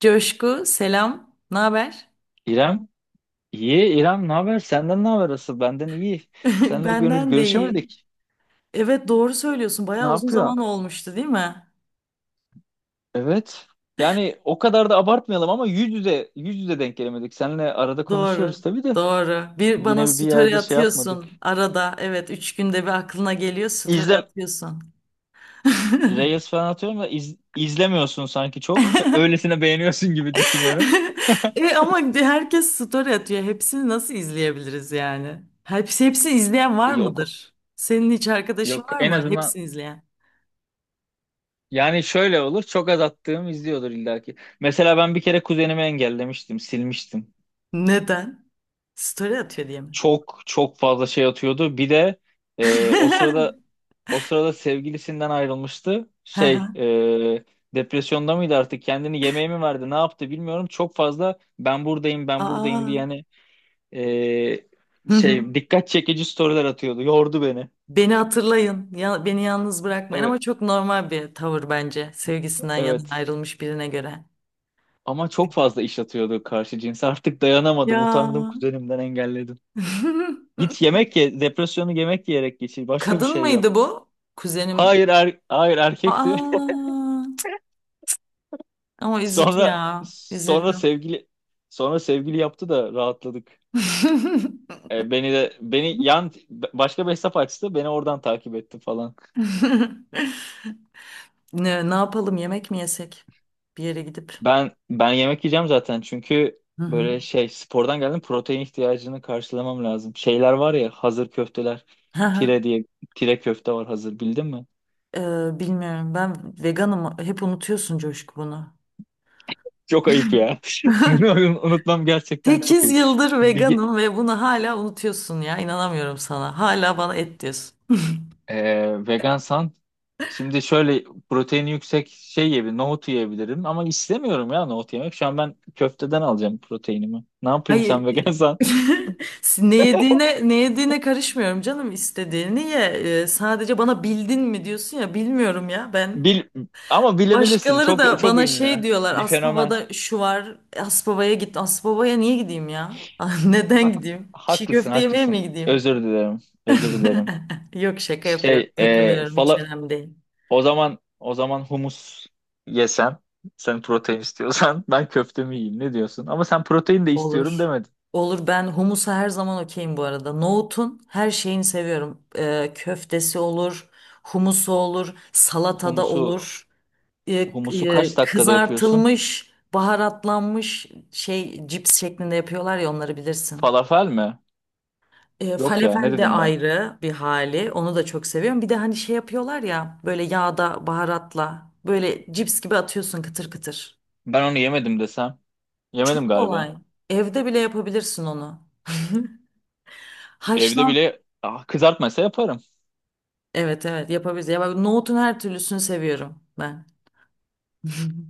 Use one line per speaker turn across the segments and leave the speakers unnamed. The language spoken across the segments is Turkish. Coşku, selam. Ne haber?
İrem, iyi. İrem, ne haber? Senden ne haber asıl? Benden iyi. Seninle görüş
Benden de iyi.
görüşemedik.
Evet doğru söylüyorsun.
Ne
Bayağı uzun zaman
yapıyorsun?
olmuştu değil mi?
Evet. Yani o kadar da abartmayalım ama yüz yüze denk gelemedik. Seninle arada konuşuyoruz
Doğru.
tabii de
Doğru. Bir bana
yine bir
story
yerde şey yapmadık.
atıyorsun arada. Evet üç günde bir aklına geliyor story
İzlem
atıyorsun.
Reels falan atıyorum da izlemiyorsun sanki çok. Öylesine beğeniyorsun gibi düşünüyorum.
E ama herkes story atıyor. Hepsini nasıl izleyebiliriz yani? Hepsini izleyen var
Yok,
mıdır? Senin hiç arkadaşın
yok,
var
en
mı?
azından
Hepsini izleyen.
yani şöyle olur, çok az attığım izliyordur illaki. Mesela ben bir kere kuzenimi engellemiştim, silmiştim.
Neden? Story atıyor diye mi?
Çok çok fazla şey atıyordu. Bir de e, o sırada o sırada sevgilisinden ayrılmıştı.
Hı hı.
Şey, depresyonda mıydı, artık kendini yemeğe mi verdi ne yaptı bilmiyorum. Çok fazla ben buradayım ben buradayım diye,
Aa.
yani
Hı
şey,
hı.
dikkat çekici storyler atıyordu. Yordu beni.
Beni hatırlayın, ya, beni yalnız bırakmayın, ama
Evet,
çok normal bir tavır bence sevgisinden yana
evet.
ayrılmış birine göre.
Ama çok fazla iş atıyordu karşı cinse. Artık dayanamadım. Utandım,
Ya.
kuzenimden engelledim. Git yemek ye. Depresyonu yemek yiyerek geçir. Başka bir
Kadın
şey yap.
mıydı bu? Kuzenim.
Hayır, erkekti.
Aa, ama üzücü
Sonra
ya.
sonra
Üzüldüm.
sevgili sonra sevgili yaptı da rahatladık. Beni de beni yan Başka bir hesap açtı. Beni oradan takip etti falan.
Ne yapalım, yemek mi yesek? Bir yere gidip.
Ben yemek yiyeceğim zaten çünkü
Hı hı.
böyle şey spordan geldim, protein ihtiyacını karşılamam lazım. Şeyler var ya, hazır köfteler.
Hı hı.
Tire diye, tire köfte var hazır, bildin mi?
Bilmiyorum, ben veganım, hep unutuyorsun Coşku bunu.
Çok ayıp ya. Bunu unutmam gerçekten çok
8
ayıp.
yıldır
Bir,
veganım ve bunu hala unutuyorsun ya. İnanamıyorum sana. Hala bana et diyorsun.
vegansan şimdi şöyle proteini yüksek şey yiyebilirim, nohut yiyebilirim ama istemiyorum ya nohut yemek. Şu an ben köfteden alacağım proteinimi. Ne yapayım,
Hayır.
sen vegansan?
Ne yediğine karışmıyorum, canım istediğini ye. Sadece bana bildin mi diyorsun ya, bilmiyorum ya ben.
Bil ama bilebilirsin.
Başkaları
Çok
da
çok
bana şey
ünlü.
diyorlar.
Bir fenomen.
Aspava'da şu var. Aspava'ya git. Aspava'ya niye gideyim ya? Neden
Hak,
gideyim? Çiğ
haklısın,
köfte yemeye mi
haklısın.
gideyim?
Özür dilerim. Özür dilerim.
Yok, şaka yapıyorum.
Şey, e,
Takılıyorum, hiç
fala
önemli değil.
o zaman humus yesem, sen protein istiyorsan, ben köftemi yiyeyim. Ne diyorsun? Ama sen protein de istiyorum
Olur.
demedin.
Olur, ben humusa her zaman okeyim bu arada. Nohutun her şeyini seviyorum. Köftesi olur, humusu olur, salatada
Humusu
olur.
humusu kaç dakikada yapıyorsun?
Kızartılmış, baharatlanmış şey cips şeklinde yapıyorlar ya, onları bilirsin.
Falafel mi? Yok ya, ne
Falafel de
dedim ben?
ayrı bir hali. Onu da çok seviyorum. Bir de hani şey yapıyorlar ya, böyle yağda baharatla böyle cips gibi atıyorsun, kıtır kıtır.
Ben onu yemedim desem. Yemedim
Çok
galiba.
kolay. Evde bile yapabilirsin onu.
Evde
Haşlan
bile kızartmaysa yaparım.
Evet evet yapabiliriz. Ya bak, nohutun her türlüsünü seviyorum ben.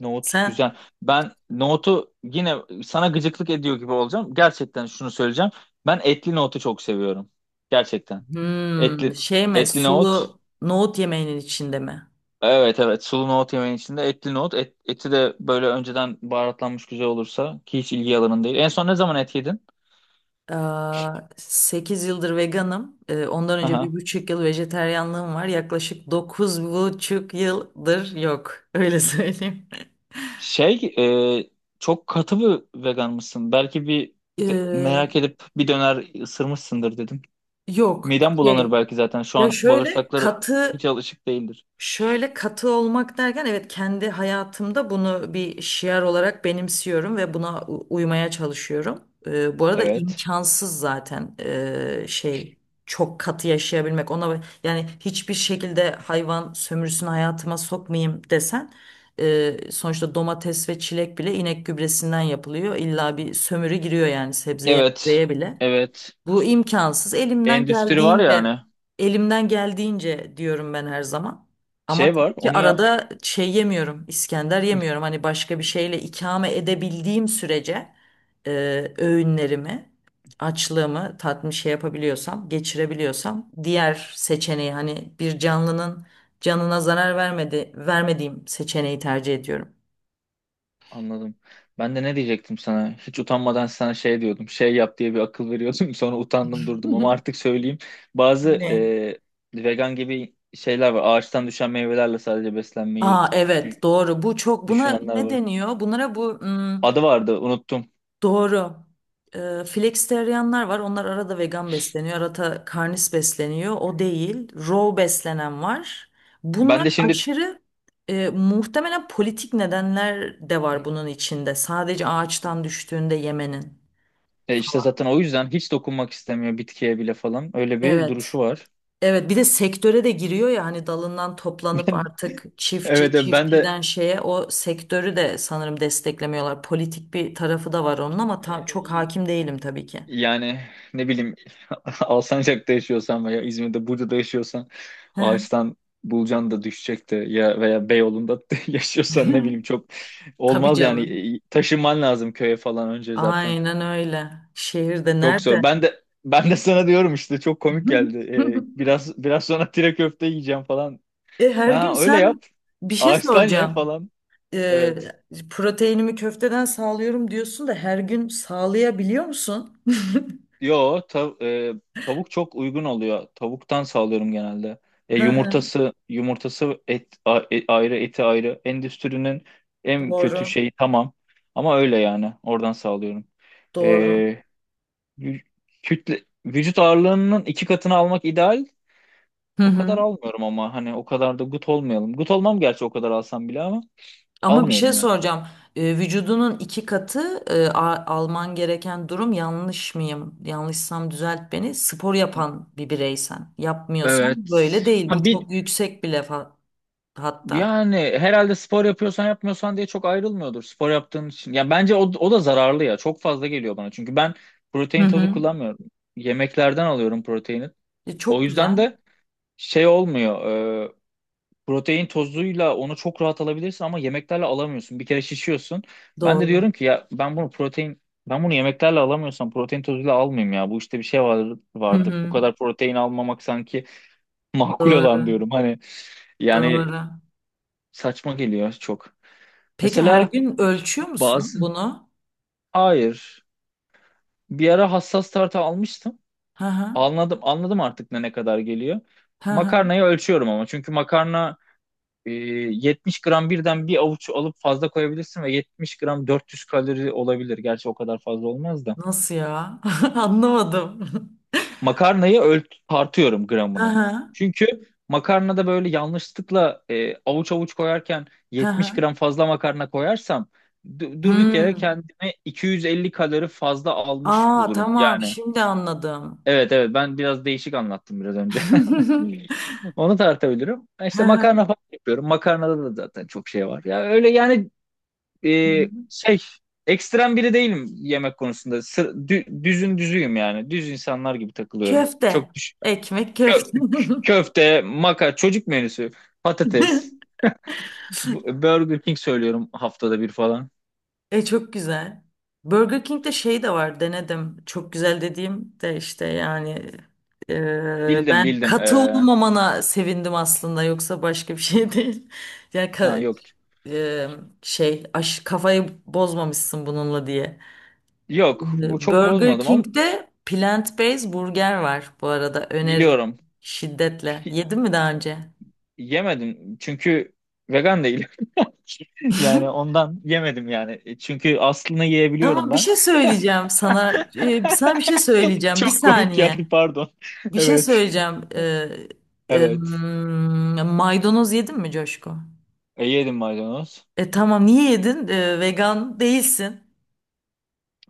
Nohut
Sen
güzel. Ben nohutu yine sana gıcıklık ediyor gibi olacağım. Gerçekten şunu söyleyeceğim. Ben etli nohutu çok seviyorum. Gerçekten.
hmm,
Etli
şey mi,
etli nohut.
sulu nohut yemeğinin içinde mi?
Evet, evet, sulu nohut yemeğin içinde etli nohut. Eti de böyle önceden baharatlanmış güzel olursa, ki hiç ilgi alanın değil. En son ne zaman et yedin?
Aa, 8 yıldır veganım. Ondan önce bir buçuk yıl vejeteryanlığım var. Yaklaşık 9 buçuk yıldır yok. Öyle söyleyeyim.
Şey, e, çok katı bir vegan mısın? Belki
Ee,
merak edip bir döner ısırmışsındır dedim.
yok
Midem bulanır
şey
belki zaten. Şu
ya
an
şöyle
bağırsakları
katı
hiç alışık değildir.
Şöyle katı olmak derken evet, kendi hayatımda bunu bir şiar olarak benimsiyorum ve buna uymaya çalışıyorum. Bu arada
Evet.
imkansız zaten çok katı yaşayabilmek. Ona yani hiçbir şekilde hayvan sömürüsünü hayatıma sokmayayım desen sonuçta domates ve çilek bile inek gübresinden yapılıyor. İlla bir sömürü giriyor yani, sebzeye
Evet.
meyveye bile.
Evet.
Bu imkansız. Elimden
Endüstri var
geldiğince,
yani.
elimden geldiğince diyorum ben her zaman. Ama
Şey var,
tabii ki
onu yap.
arada şey yemiyorum, İskender yemiyorum. Hani başka bir şeyle ikame edebildiğim sürece öğünlerimi, açlığımı tatmin şey yapabiliyorsam, geçirebiliyorsam, diğer seçeneği, hani bir canlının canına zarar vermediğim seçeneği tercih ediyorum.
Anladım. Ben de ne diyecektim sana? Hiç utanmadan sana şey diyordum. Şey yap diye bir akıl veriyordum. Sonra utandım durdum ama artık söyleyeyim. Bazı
Ne?
vegan gibi şeyler var. Ağaçtan düşen meyvelerle sadece beslenmeyi
Aa evet,
dü-
doğru. Bu çok, buna
düşünenler
ne
var.
deniyor? Bunlara bu hmm,
Adı vardı, unuttum.
Doğru. Flexitarianlar var. Onlar arada vegan besleniyor, arada karnis besleniyor. O değil. Raw beslenen var. Bunlar
Ben de şimdi,
aşırı muhtemelen politik nedenler de var bunun içinde. Sadece ağaçtan düştüğünde yemenin
işte
falan.
zaten o yüzden hiç dokunmak istemiyor bitkiye bile falan. Öyle bir
Evet.
duruşu var.
Evet, bir de sektöre de giriyor ya, hani dalından toplanıp artık çiftçi
Evet, evet, ben de,
çiftçiden şeye, o sektörü de sanırım desteklemiyorlar. Politik bir tarafı da var onun ama çok
e,
hakim değilim tabii ki.
yani, ne bileyim, Alsancak'ta yaşıyorsan veya İzmir'de Burca'da yaşıyorsan,
Hı
ağaçtan bulcan da düşecekti ya, veya Beyoğlu'nda yaşıyorsan, ne
hı.
bileyim, çok
Tabii
olmaz yani.
canım.
Taşınman lazım köye falan önce zaten.
Aynen öyle. Şehirde
Çok
nerede?
zor. Ben de sana diyorum işte, çok komik geldi. Biraz sonra tire köfte yiyeceğim falan.
E, her gün
Ha, öyle
sen
yap.
bir şey
Ağaçtan ye
soracağım.
falan.
E,
Evet.
proteinimi köfteden sağlıyorum diyorsun da, her gün sağlayabiliyor musun?
Yo, tavuk çok uygun oluyor. Tavuktan sağlıyorum genelde.
Hı hı,
Yumurtası ayrı, eti ayrı. Endüstrinin en kötü
Doğru,
şeyi, tamam. Ama öyle yani. Oradan sağlıyorum.
doğru.
E, vü- kütle vücut ağırlığının iki katını almak ideal.
Hı
O
hı.
kadar almıyorum ama hani o kadar da gut olmayalım. Gut olmam gerçi o kadar alsam bile ama
Ama bir şey
almıyorum yani.
soracağım. Vücudunun iki katı alman gereken durum, yanlış mıyım? Yanlışsam düzelt beni. Spor yapan bir bireysen. Yapmıyorsan
Evet.
böyle değil. Bu
Ha, bir,
çok yüksek bile hatta.
Yani herhalde spor yapıyorsan yapmıyorsan diye çok ayrılmıyordur spor yaptığın için. Ya bence o da zararlı ya. Çok fazla geliyor bana. Çünkü ben
Hı
protein tozu
hı.
kullanmıyorum. Yemeklerden alıyorum proteini.
E,
O
çok güzel.
yüzden de şey olmuyor. e, Protein tozuyla onu çok rahat alabilirsin ama yemeklerle alamıyorsun. Bir kere şişiyorsun. Ben de
Doğru.
diyorum ki, ya ben bunu yemeklerle alamıyorsam, protein tozuyla almayayım ya. Bu işte bir şey var,
Hı
vardır. Bu
hı.
kadar protein almamak sanki makul olan
Doğru.
diyorum. Hani yani,
Doğru.
saçma geliyor çok.
Peki her
Mesela
gün ölçüyor musun
bazı
bunu?
Hayır. Bir ara hassas tartı almıştım.
Hı hı.
Anladım, anladım, artık ne kadar geliyor.
Hı hı.
Makarnayı ölçüyorum ama çünkü makarna, e, 70 gram birden bir avuç alıp fazla koyabilirsin ve 70 gram 400 kalori olabilir. Gerçi o kadar fazla olmaz da.
Nasıl ya? Anlamadım.
Makarnayı tartıyorum
Hı
gramına.
hı.
Çünkü makarnada böyle yanlışlıkla avuç avuç koyarken
Hı
70
hı.
gram fazla makarna koyarsam, durduk yere
Hmm.
kendime 250 kalori fazla almış
Aa
bulurum.
tamam,
Yani,
şimdi anladım.
evet, evet, ben biraz değişik anlattım biraz önce. Onu tartabilirim.
Hı
İşte
hı.
makarna falan yapıyorum. Makarnada da zaten çok şey var. Ya öyle yani, şey, ekstrem biri değilim yemek konusunda. Sır, dü- düzün düzüyüm yani. Düz insanlar gibi takılıyorum.
Köfte.
Çok düş.
Ekmek köfte.
Köfte, çocuk menüsü, patates, Burger King söylüyorum haftada bir falan.
E çok güzel. Burger King'de şey de var, denedim. Çok güzel dediğim de işte, yani
Bildim,
ben
bildim.
katı olmamana sevindim aslında, yoksa başka bir şey değil. Yani
Ha,
ka-
yok.
e, kafayı bozmamışsın bununla diye.
Yok, bu
E,
çok
Burger
bozmadım ama
King'de plant-based burger var bu arada, öneririm
biliyorum.
şiddetle.
Pi-
Yedin mi daha önce?
Yemedim çünkü vegan değilim. Yani ondan yemedim yani. Çünkü aslını yiyebiliyorum
Ama bir
ben.
şey söyleyeceğim sana. E, sana bir şey söyleyeceğim. Bir
Çok komik
saniye.
geldi, pardon.
Bir şey
Evet.
söyleyeceğim. Em,
Evet.
Maydanoz yedin mi Coşku?
Yedim maydanoz.
E tamam, niye yedin? E, vegan değilsin.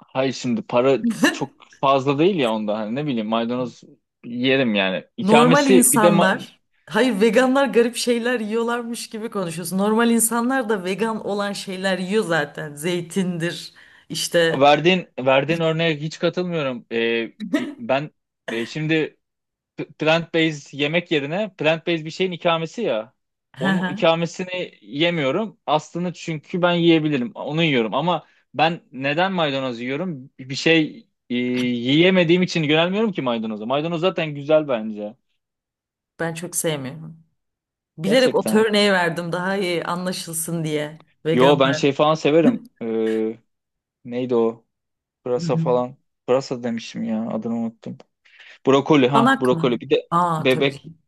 Hayır, şimdi para çok fazla değil ya onda. Hani ne bileyim, maydanoz yerim yani.
Normal
İkamesi, bir de.
insanlar, hayır, veganlar garip şeyler yiyorlarmış gibi konuşuyorsun. Normal insanlar da vegan olan şeyler yiyor zaten. Zeytindir işte.
Verdiğin örneğe hiç katılmıyorum. Ben şimdi plant-based yemek yerine plant-based bir şeyin ikamesi ya.
Hı
Onun
hı.
ikamesini yemiyorum. Aslını çünkü ben yiyebilirim. Onu yiyorum ama ben neden maydanoz yiyorum? Bir şey yiyemediğim için yönelmiyorum ki maydanoza. Maydanoz zaten güzel bence.
Ben çok sevmiyorum. Bilerek o
Gerçekten.
örneği verdim daha iyi anlaşılsın diye.
Yo, ben
Veganlar.
şey falan severim. Neydi o?
Hı
Pırasa
hı.
falan. Pırasa demişim ya, adını unuttum. Brokoli, ha,
Banak
brokoli.
mı?
Bir de
Aa tabii
bebek
canım.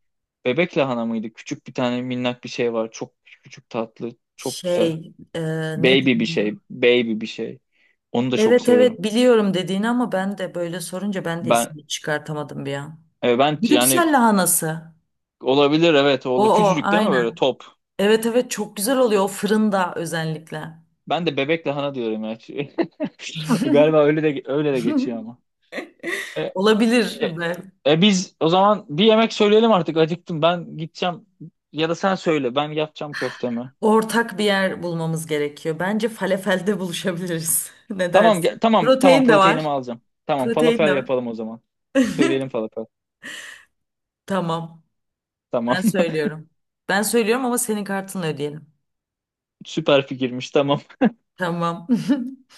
bebek lahana mıydı? Küçük bir tane minnak bir şey var. Çok küçük, tatlı. Çok güzel.
Şey e,
Baby
ne
bir şey.
diyeyim?
Baby bir şey. Onu da çok
Evet
severim.
evet, biliyorum dediğini ama ben de böyle sorunca ben de
Ben
ismini çıkartamadım bir an.
e, ben
Brüksel
yani
lahanası.
Olabilir, evet,
O
oğlu.
o
Küçücük değil mi böyle,
aynen.
top?
Evet evet, çok güzel oluyor o, fırında özellikle.
Ben de bebek lahana diyorum ya. Galiba öyle de geçiyor ama. E, e,
Olabilir
e,
be.
Biz o zaman bir yemek söyleyelim artık. Acıktım. Ben gideceğim ya da sen söyle. Ben yapacağım köftemi.
Ortak bir yer bulmamız gerekiyor. Bence falafelde buluşabiliriz. Ne
Tamam,
dersin?
tamam, tamam,
Protein de
proteinimi
var.
alacağım. Tamam,
Protein
falafel
de var.
yapalım o zaman. Söyleyelim falafel.
Tamam.
Tamam.
Ben söylüyorum. Ben söylüyorum ama senin kartınla ödeyelim.
Süper fikirmiş. Tamam.
Tamam.